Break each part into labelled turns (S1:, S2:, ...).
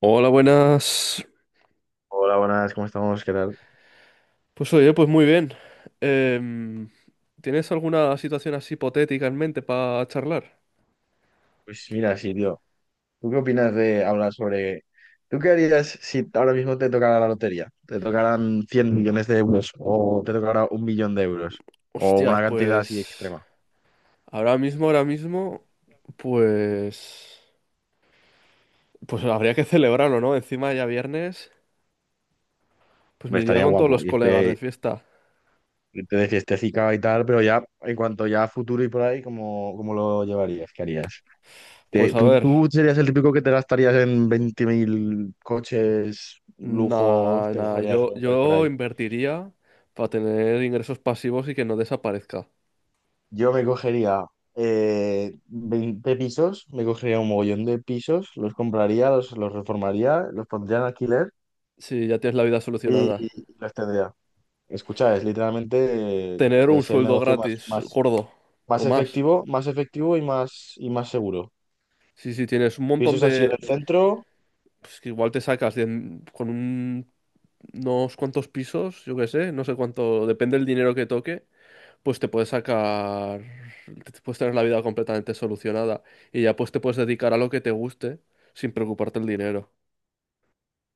S1: Hola, buenas.
S2: Hola, buenas, ¿cómo estamos? ¿Qué tal?
S1: Pues oye, pues muy bien. Em, ¿Tienes alguna situación así hipotética en mente para charlar?
S2: Pues mira, sí, tío. ¿Tú qué opinas de hablar sobre... ¿Tú qué harías si ahora mismo te tocara la lotería? ¿Te tocaran 100.000.000 de euros o te tocara 1.000.000 de euros? O una
S1: Hostias,
S2: cantidad así
S1: pues
S2: extrema.
S1: ahora mismo, pues, pues habría que celebrarlo, ¿no? Encima ya viernes, pues
S2: Hombre,
S1: me iría
S2: estaría
S1: con todos
S2: guapo
S1: los colegas de
S2: irte,
S1: fiesta.
S2: irte de fiestecica y tal, pero ya en cuanto ya a futuro y por ahí, ¿cómo, cómo lo llevarías? ¿Qué harías? ¿Te-
S1: Pues a
S2: ¿Tú,
S1: ver,
S2: tú serías el típico que te gastarías en 20.000 coches, lujos,
S1: nada,
S2: te
S1: nada,
S2: cogerías
S1: yo,
S2: ropa y por
S1: yo
S2: ahí?
S1: invertiría para tener ingresos pasivos y que no desaparezca.
S2: Yo me cogería 20 pisos, me cogería un mogollón de pisos, los compraría, los reformaría, los pondría en alquiler
S1: Si ya tienes la vida solucionada.
S2: y los tendría. Escucha, es literalmente
S1: Tener un
S2: es el
S1: sueldo
S2: negocio más,
S1: gratis,
S2: más,
S1: gordo, o más.
S2: más efectivo y más seguro.
S1: Sí, sí, tienes un montón
S2: Pisos así en
S1: de...
S2: el centro.
S1: Pues que igual te sacas con un- unos cuantos pisos, yo qué sé, no sé cuánto, depende del dinero que toque, pues te puedes sacar, te puedes tener la vida completamente solucionada y ya pues te puedes dedicar a lo que te guste sin preocuparte el dinero.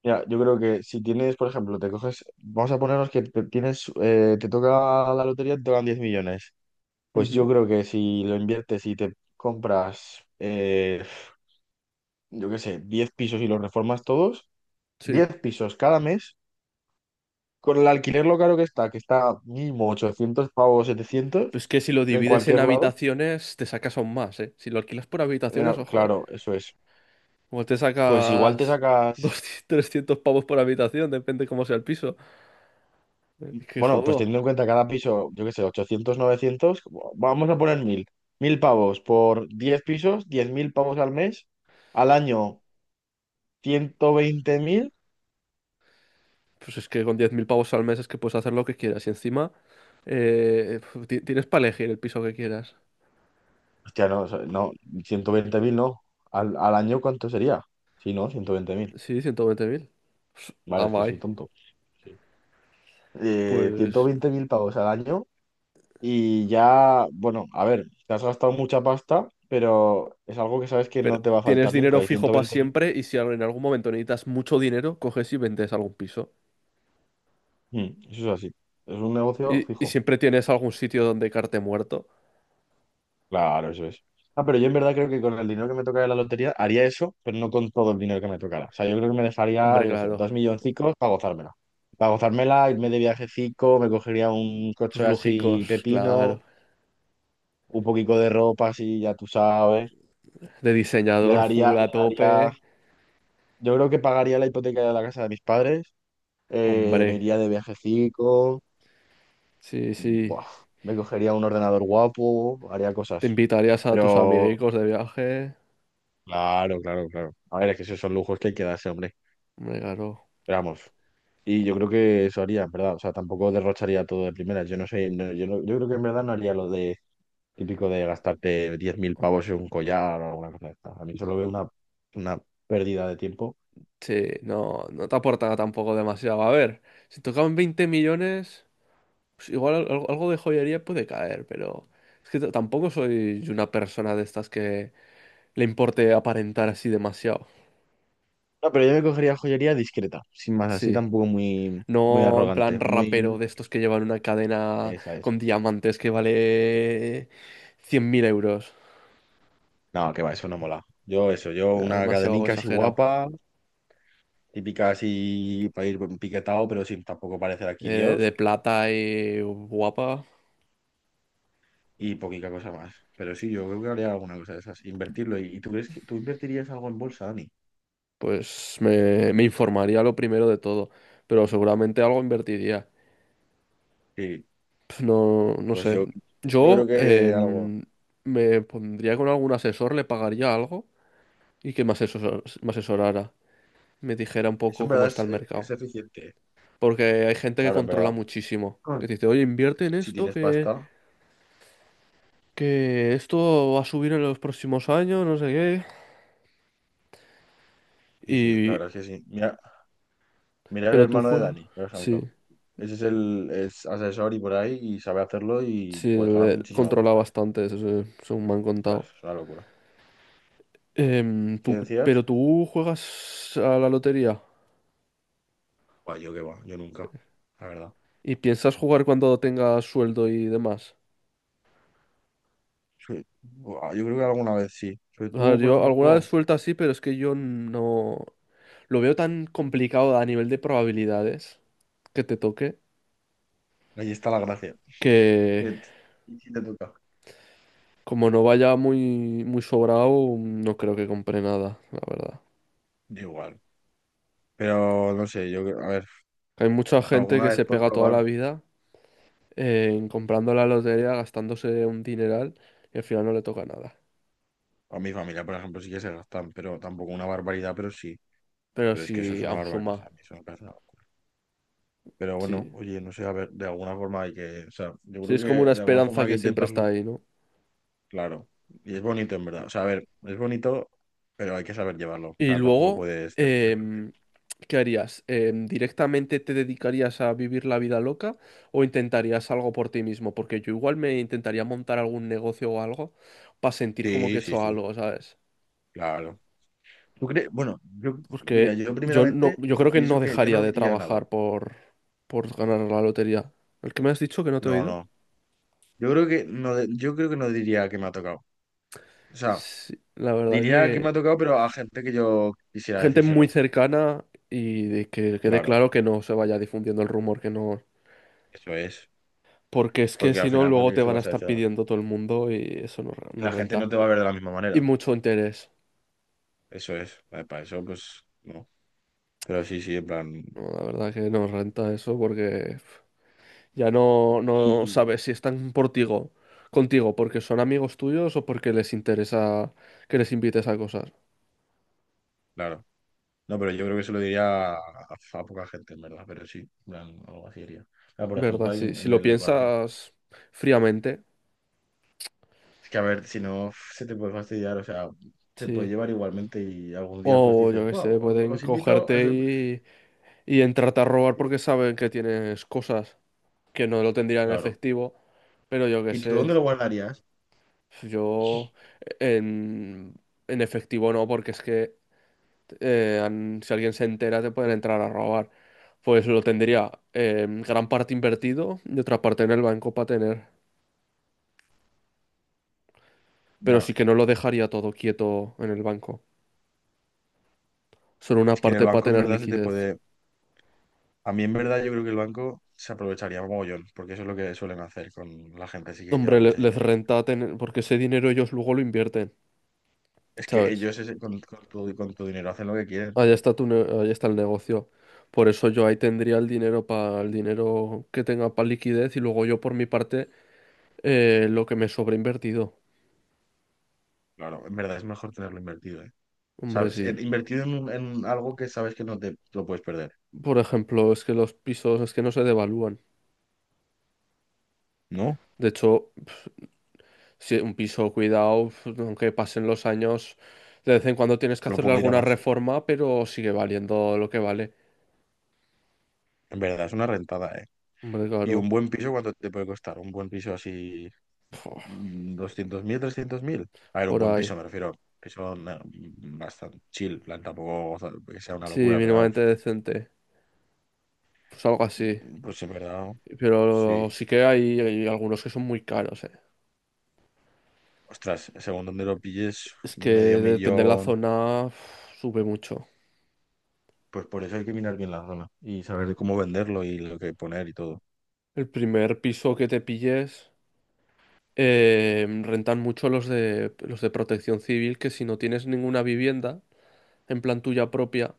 S2: Mira, yo creo que si tienes, por ejemplo, te coges, vamos a ponernos que te tienes, te toca la lotería, te tocan 10.000.000. Pues
S1: Ujú,
S2: yo creo que si lo inviertes y te compras yo qué sé, 10 pisos y los reformas todos,
S1: sí.
S2: 10 pisos cada mes, con el alquiler lo caro que está mínimo 800 pavos, 700
S1: Pues que si lo
S2: en
S1: divides en
S2: cualquier lado,
S1: habitaciones, te sacas aún más, ¿eh? Si lo alquilas por habitaciones, ojo, ¿eh?
S2: claro, eso es.
S1: Igual te
S2: Pues igual te
S1: sacas
S2: sacas,
S1: 200, 300 pavos por habitación, depende cómo sea el piso. Que
S2: bueno, pues
S1: jodo.
S2: teniendo en cuenta cada piso, yo qué sé, 800 900 como- vamos a poner 1000 1000 pavos por 10 pisos, 10.000 pavos al mes, al año 120.000.
S1: Pues es que con 10.000 pavos al mes es que puedes hacer lo que quieras. Y encima eh, tienes para elegir el piso que quieras.
S2: Hostia, no, o sea, no, 120.000 no, al, al año ¿cuánto sería? Sí, no, 120.000,
S1: Sí, 120.000. Pues, ah,
S2: vale, es que soy
S1: vai.
S2: tonto. Sí. Ciento
S1: Pues...
S2: veinte mil pavos al año y ya, bueno, a ver, te has gastado mucha pasta, pero es algo que sabes que
S1: Pero
S2: no te va a
S1: tienes
S2: faltar
S1: dinero
S2: nunca y
S1: fijo
S2: ciento
S1: para
S2: veinte mil,
S1: siempre y si en algún momento necesitas mucho dinero, coges y vendes algún piso.
S2: mm, eso es así, es un negocio
S1: Y
S2: fijo,
S1: siempre tienes algún sitio donde carte muerto.
S2: claro, eso es. Ah, pero yo en verdad creo que con el dinero que me tocara de la lotería haría eso, pero no con todo el dinero que me tocara. O sea, yo creo que me dejaría,
S1: Hombre,
S2: yo qué sé,
S1: claro.
S2: 2 milloncicos para gozármela. Para gozármela, irme de viajecico, me cogería un
S1: Tus
S2: coche así
S1: lógicos,
S2: pepino,
S1: claro.
S2: un poquito de ropa así, ya tú sabes.
S1: De
S2: Le
S1: diseñador full
S2: daría,
S1: a
S2: le daría.
S1: tope.
S2: Yo creo que pagaría la hipoteca de la casa de mis padres, me
S1: Hombre.
S2: iría de viajecico,
S1: Sí, sí.
S2: buah, me cogería un ordenador guapo, haría cosas.
S1: Te invitarías a tus
S2: Pero,
S1: amiguitos de viaje.
S2: claro, claro, claro. A ver, es que esos son lujos que hay que darse, hombre.
S1: Hombre, claro.
S2: Pero vamos. Y yo creo que eso haría, en verdad. O sea, tampoco derrocharía todo de primera. Yo no sé, no- yo, no- yo creo que en verdad no haría lo de típico de gastarte 10.000 pavos en un collar o alguna cosa de esta. A mí solo veo una pérdida de tiempo.
S1: Sí, no, no te aporta tampoco demasiado. A ver, si tocaban 20 millones, pues igual algo de joyería puede caer, pero es que tampoco soy una persona de estas que le importe aparentar así demasiado.
S2: No, pero yo me cogería joyería discreta, sin más, así
S1: Sí,
S2: tampoco muy, muy
S1: no en plan
S2: arrogante, muy...
S1: rapero de estos que llevan una cadena
S2: Esa es.
S1: con diamantes que vale 100.000 euros.
S2: No, que va, eso no mola. Yo eso, yo
S1: Nada,
S2: una
S1: demasiado
S2: cadenica así
S1: exagerado.
S2: guapa, típica así para ir piquetado, pero sin tampoco parecer aquí
S1: De
S2: Dios
S1: plata y guapa,
S2: y poquita cosa más. Pero sí, yo creo que haría alguna cosa de esas, invertirlo. ¿Y tú crees que tú invertirías algo en bolsa, Dani?
S1: pues me informaría lo primero de todo, pero seguramente algo invertiría.
S2: Sí,
S1: No, no
S2: pues
S1: sé.
S2: yo creo
S1: Yo
S2: que algo...
S1: me pondría con algún asesor, le pagaría algo y que me asesorara, me dijera un
S2: Eso
S1: poco
S2: en
S1: cómo
S2: verdad
S1: está el
S2: es
S1: mercado.
S2: eficiente.
S1: Porque hay gente que
S2: Claro, en
S1: controla
S2: verdad.
S1: muchísimo,
S2: Ah.
S1: que te dice, oye, invierte en
S2: Si
S1: esto,
S2: tienes
S1: que,
S2: pasta,
S1: que esto va a subir en los próximos años, no sé qué.
S2: sí, sí, la
S1: Y,
S2: verdad es que sí. Mira, mira el
S1: pero tú
S2: hermano de
S1: juegas,
S2: Dani, por
S1: sí,
S2: ejemplo. Ese es el es asesor y por ahí y sabe hacerlo y
S1: sí,
S2: puedes ganar muchísima
S1: controla
S2: pasta, ¿eh?
S1: bastante, eso, sí, me han
S2: Ostras,
S1: contado.
S2: es una locura. ¿Qué
S1: Pero
S2: decías?
S1: tú juegas a la lotería.
S2: Buah, yo qué va, yo nunca, la verdad.
S1: ¿Y piensas jugar cuando tengas sueldo y demás?
S2: Sí. Buah, yo creo que alguna vez sí. Pero
S1: A ver,
S2: tú, por
S1: yo
S2: ejemplo, has
S1: alguna vez
S2: jugado.
S1: suelta sí, pero es que yo no... Lo veo tan complicado a nivel de probabilidades que te toque,
S2: Ahí está la gracia.
S1: que
S2: Que t- ¿Y si te toca?
S1: como no vaya muy, muy sobrado, no creo que compre nada, la verdad.
S2: Yo igual. Pero no sé, yo, creo- a ver,
S1: Hay mucha gente
S2: alguna
S1: que
S2: vez
S1: se
S2: por
S1: pega toda
S2: probar,
S1: la vida en comprando la lotería, gastándose un dineral y al final no le toca nada.
S2: a mi familia, por ejemplo, sí que se gastan, pero tampoco una barbaridad, pero sí.
S1: Pero
S2: Pero es que eso es
S1: si
S2: una
S1: aún
S2: barbaridad, o
S1: suma,
S2: sea, a mí eso me parece una locura. Pero bueno,
S1: sí.
S2: oye, no sé, a ver, de alguna forma hay que, o sea, yo
S1: Sí,
S2: creo
S1: es
S2: que
S1: como una
S2: de alguna forma
S1: esperanza
S2: hay que
S1: que siempre está
S2: intentarlo.
S1: ahí, ¿no?
S2: Claro, y es bonito en verdad. O sea, a ver, es bonito, pero hay que saber llevarlo. O
S1: Y
S2: sea, tampoco
S1: luego...
S2: puedes ce- cebarte.
S1: em, ¿qué harías? ¿Directamente te dedicarías a vivir la vida loca o intentarías algo por ti mismo? Porque yo igual me intentaría montar algún negocio o algo para sentir como que
S2: Sí,
S1: he
S2: sí,
S1: hecho
S2: sí,
S1: algo, ¿sabes?
S2: claro. ¿Tú crees? Bueno, yo, mira,
S1: Porque
S2: yo
S1: yo no,
S2: primeramente
S1: yo creo que
S2: pienso
S1: no
S2: que yo
S1: dejaría
S2: no
S1: de
S2: diría nada.
S1: trabajar por ganar la lotería. ¿El que me has dicho que no te he
S2: No,
S1: oído?
S2: no. Yo creo que no, de- yo creo que no diría que me ha tocado. O sea,
S1: Sí, la verdad
S2: diría que me
S1: que
S2: ha tocado, pero a gente que yo quisiera
S1: gente muy
S2: decírselo.
S1: cercana y de que quede
S2: Claro,
S1: claro que no se vaya difundiendo el rumor que no.
S2: eso es.
S1: Porque es que
S2: Porque al
S1: si no,
S2: final, ¿por
S1: luego
S2: qué
S1: te
S2: se lo
S1: van a
S2: vas a
S1: estar
S2: decir a la gente?
S1: pidiendo todo el mundo y eso no,
S2: Y
S1: no
S2: la gente
S1: renta.
S2: no te va a ver de la misma
S1: Y
S2: manera.
S1: mucho interés.
S2: Eso es. Vale, para eso, pues, no. Pero sí, sí, en plan.
S1: No, la verdad que no renta eso porque ya no, no
S2: Y
S1: sabes si están contigo porque son amigos tuyos o porque les interesa que les invites a cosas.
S2: claro. No, pero yo creo que se lo diría a poca gente, en verdad, pero sí, en plan, algo así diría. Ah, por
S1: ¿Verdad?
S2: ejemplo, hay
S1: Si,
S2: un-
S1: si
S2: en
S1: lo
S2: el barrio.
S1: piensas fríamente,
S2: Es que a ver, si no, se te puede fastidiar, o sea, se puede
S1: sí.
S2: llevar igualmente y algún día pues
S1: O yo
S2: dices,
S1: qué sé,
S2: wow,
S1: pueden
S2: os invito. A
S1: cogerte
S2: eso".
S1: y entrarte a robar porque saben que tienes cosas que no lo tendrían en
S2: Claro.
S1: efectivo. Pero yo qué
S2: ¿Y tú dónde
S1: sé,
S2: lo guardarías?
S1: yo en, en efectivo no, porque es que si alguien se entera, te pueden entrar a robar. Pues lo tendría gran parte invertido y otra parte en el banco para tener. Pero sí
S2: Ya,
S1: que no lo dejaría todo quieto en el banco. Solo una
S2: es que en el
S1: parte para
S2: banco en
S1: tener
S2: verdad se te
S1: liquidez.
S2: puede... A mí en verdad yo creo que el banco se aprovecharía mogollón, porque eso es lo que suelen hacer con la gente así que lleva
S1: Hombre,
S2: mucho
S1: les
S2: dinero.
S1: renta tener, porque ese dinero ellos luego lo invierten,
S2: Es que
S1: ¿sabes?
S2: ellos ese- con tu dinero hacen lo que quieren.
S1: Allá está ahí está el negocio. Por eso yo ahí tendría el dinero para el dinero que tenga para liquidez y luego yo por mi parte lo que me sobra invertido.
S2: Claro, en verdad es mejor tenerlo invertido, ¿eh?
S1: Hombre,
S2: ¿Sabes?
S1: sí.
S2: En- invertir en, un- en algo que sabes que no te lo puedes perder.
S1: Por ejemplo, es que los pisos es que no se devalúan.
S2: No,
S1: De hecho, si un piso cuidado, aunque pasen los años, de vez en cuando tienes que
S2: lo
S1: hacerle
S2: puedo ir a
S1: alguna
S2: más.
S1: reforma, pero sigue valiendo lo que vale.
S2: En verdad, es una rentada, ¿eh?
S1: Hombre,
S2: Y un
S1: claro.
S2: buen piso, ¿cuánto te puede costar? Un buen piso así,
S1: Puf,
S2: mm, 200.000, 300.000. A ver, un
S1: por
S2: buen
S1: ahí.
S2: piso, me refiero. Piso na- mm, bastante chill, en plan, tampoco o sea, que sea una
S1: Sí,
S2: locura, pero
S1: mínimamente
S2: vamos.
S1: decente. Pues algo así.
S2: Pues en verdad,
S1: Pero
S2: sí.
S1: sí que hay algunos que son muy caros, eh.
S2: Ostras, según donde lo pilles,
S1: Es que
S2: medio
S1: depende de la
S2: millón.
S1: zona, uf, sube mucho.
S2: Pues por eso hay que mirar bien la zona y saber cómo venderlo y lo que poner y todo.
S1: El primer piso que te pilles. Rentan mucho los de protección civil, que si no tienes ninguna vivienda, en plan tuya propia,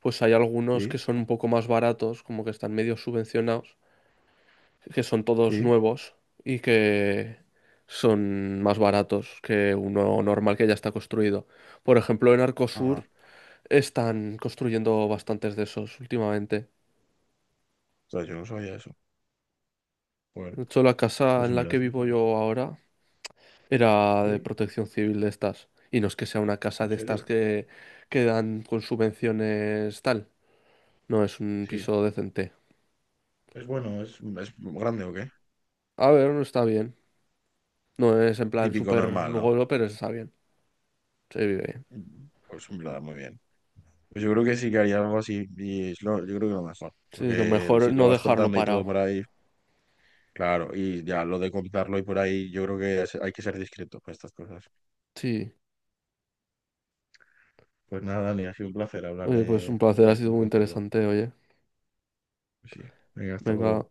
S1: pues hay algunos que
S2: Sí,
S1: son un poco más baratos, como que están medio subvencionados, que son todos
S2: sí.
S1: nuevos y que
S2: Vale.
S1: son más baratos que uno normal que ya está construido. Por ejemplo, en
S2: Ah.
S1: Arcosur están construyendo bastantes de esos últimamente.
S2: sea, yo no sabía eso. Bueno,
S1: De hecho, la casa
S2: pues
S1: en
S2: en
S1: la
S2: verdad
S1: que
S2: sí que
S1: vivo
S2: tenía.
S1: yo ahora era de
S2: Sí,
S1: protección civil de estas. Y no es que sea una casa
S2: en
S1: de estas
S2: serio.
S1: que dan con subvenciones tal. No, es un
S2: Sí.
S1: piso decente.
S2: Es bueno, es grande o qué.
S1: A ver, no está bien. No es en plan
S2: Típico
S1: súper
S2: normal, ¿no?
S1: lujoso, pero está bien. Se vive bien.
S2: Mm. Pues en verdad, muy bien. Pues yo creo que sí que haría algo así y es lo- yo creo que lo mejor.
S1: Sí, lo
S2: Porque el-
S1: mejor
S2: si
S1: es
S2: lo
S1: no
S2: vas
S1: dejarlo
S2: contando y todo
S1: parado.
S2: por ahí, claro, y ya lo de contarlo y por ahí, yo creo que es- hay que ser discreto con estas cosas.
S1: Sí.
S2: Pues nada, Dani, ha sido un placer hablar
S1: Oye, pues un placer,
S2: de
S1: ha sido
S2: esto
S1: muy
S2: contigo.
S1: interesante, oye.
S2: Pues sí, venga, hasta
S1: Venga.
S2: luego.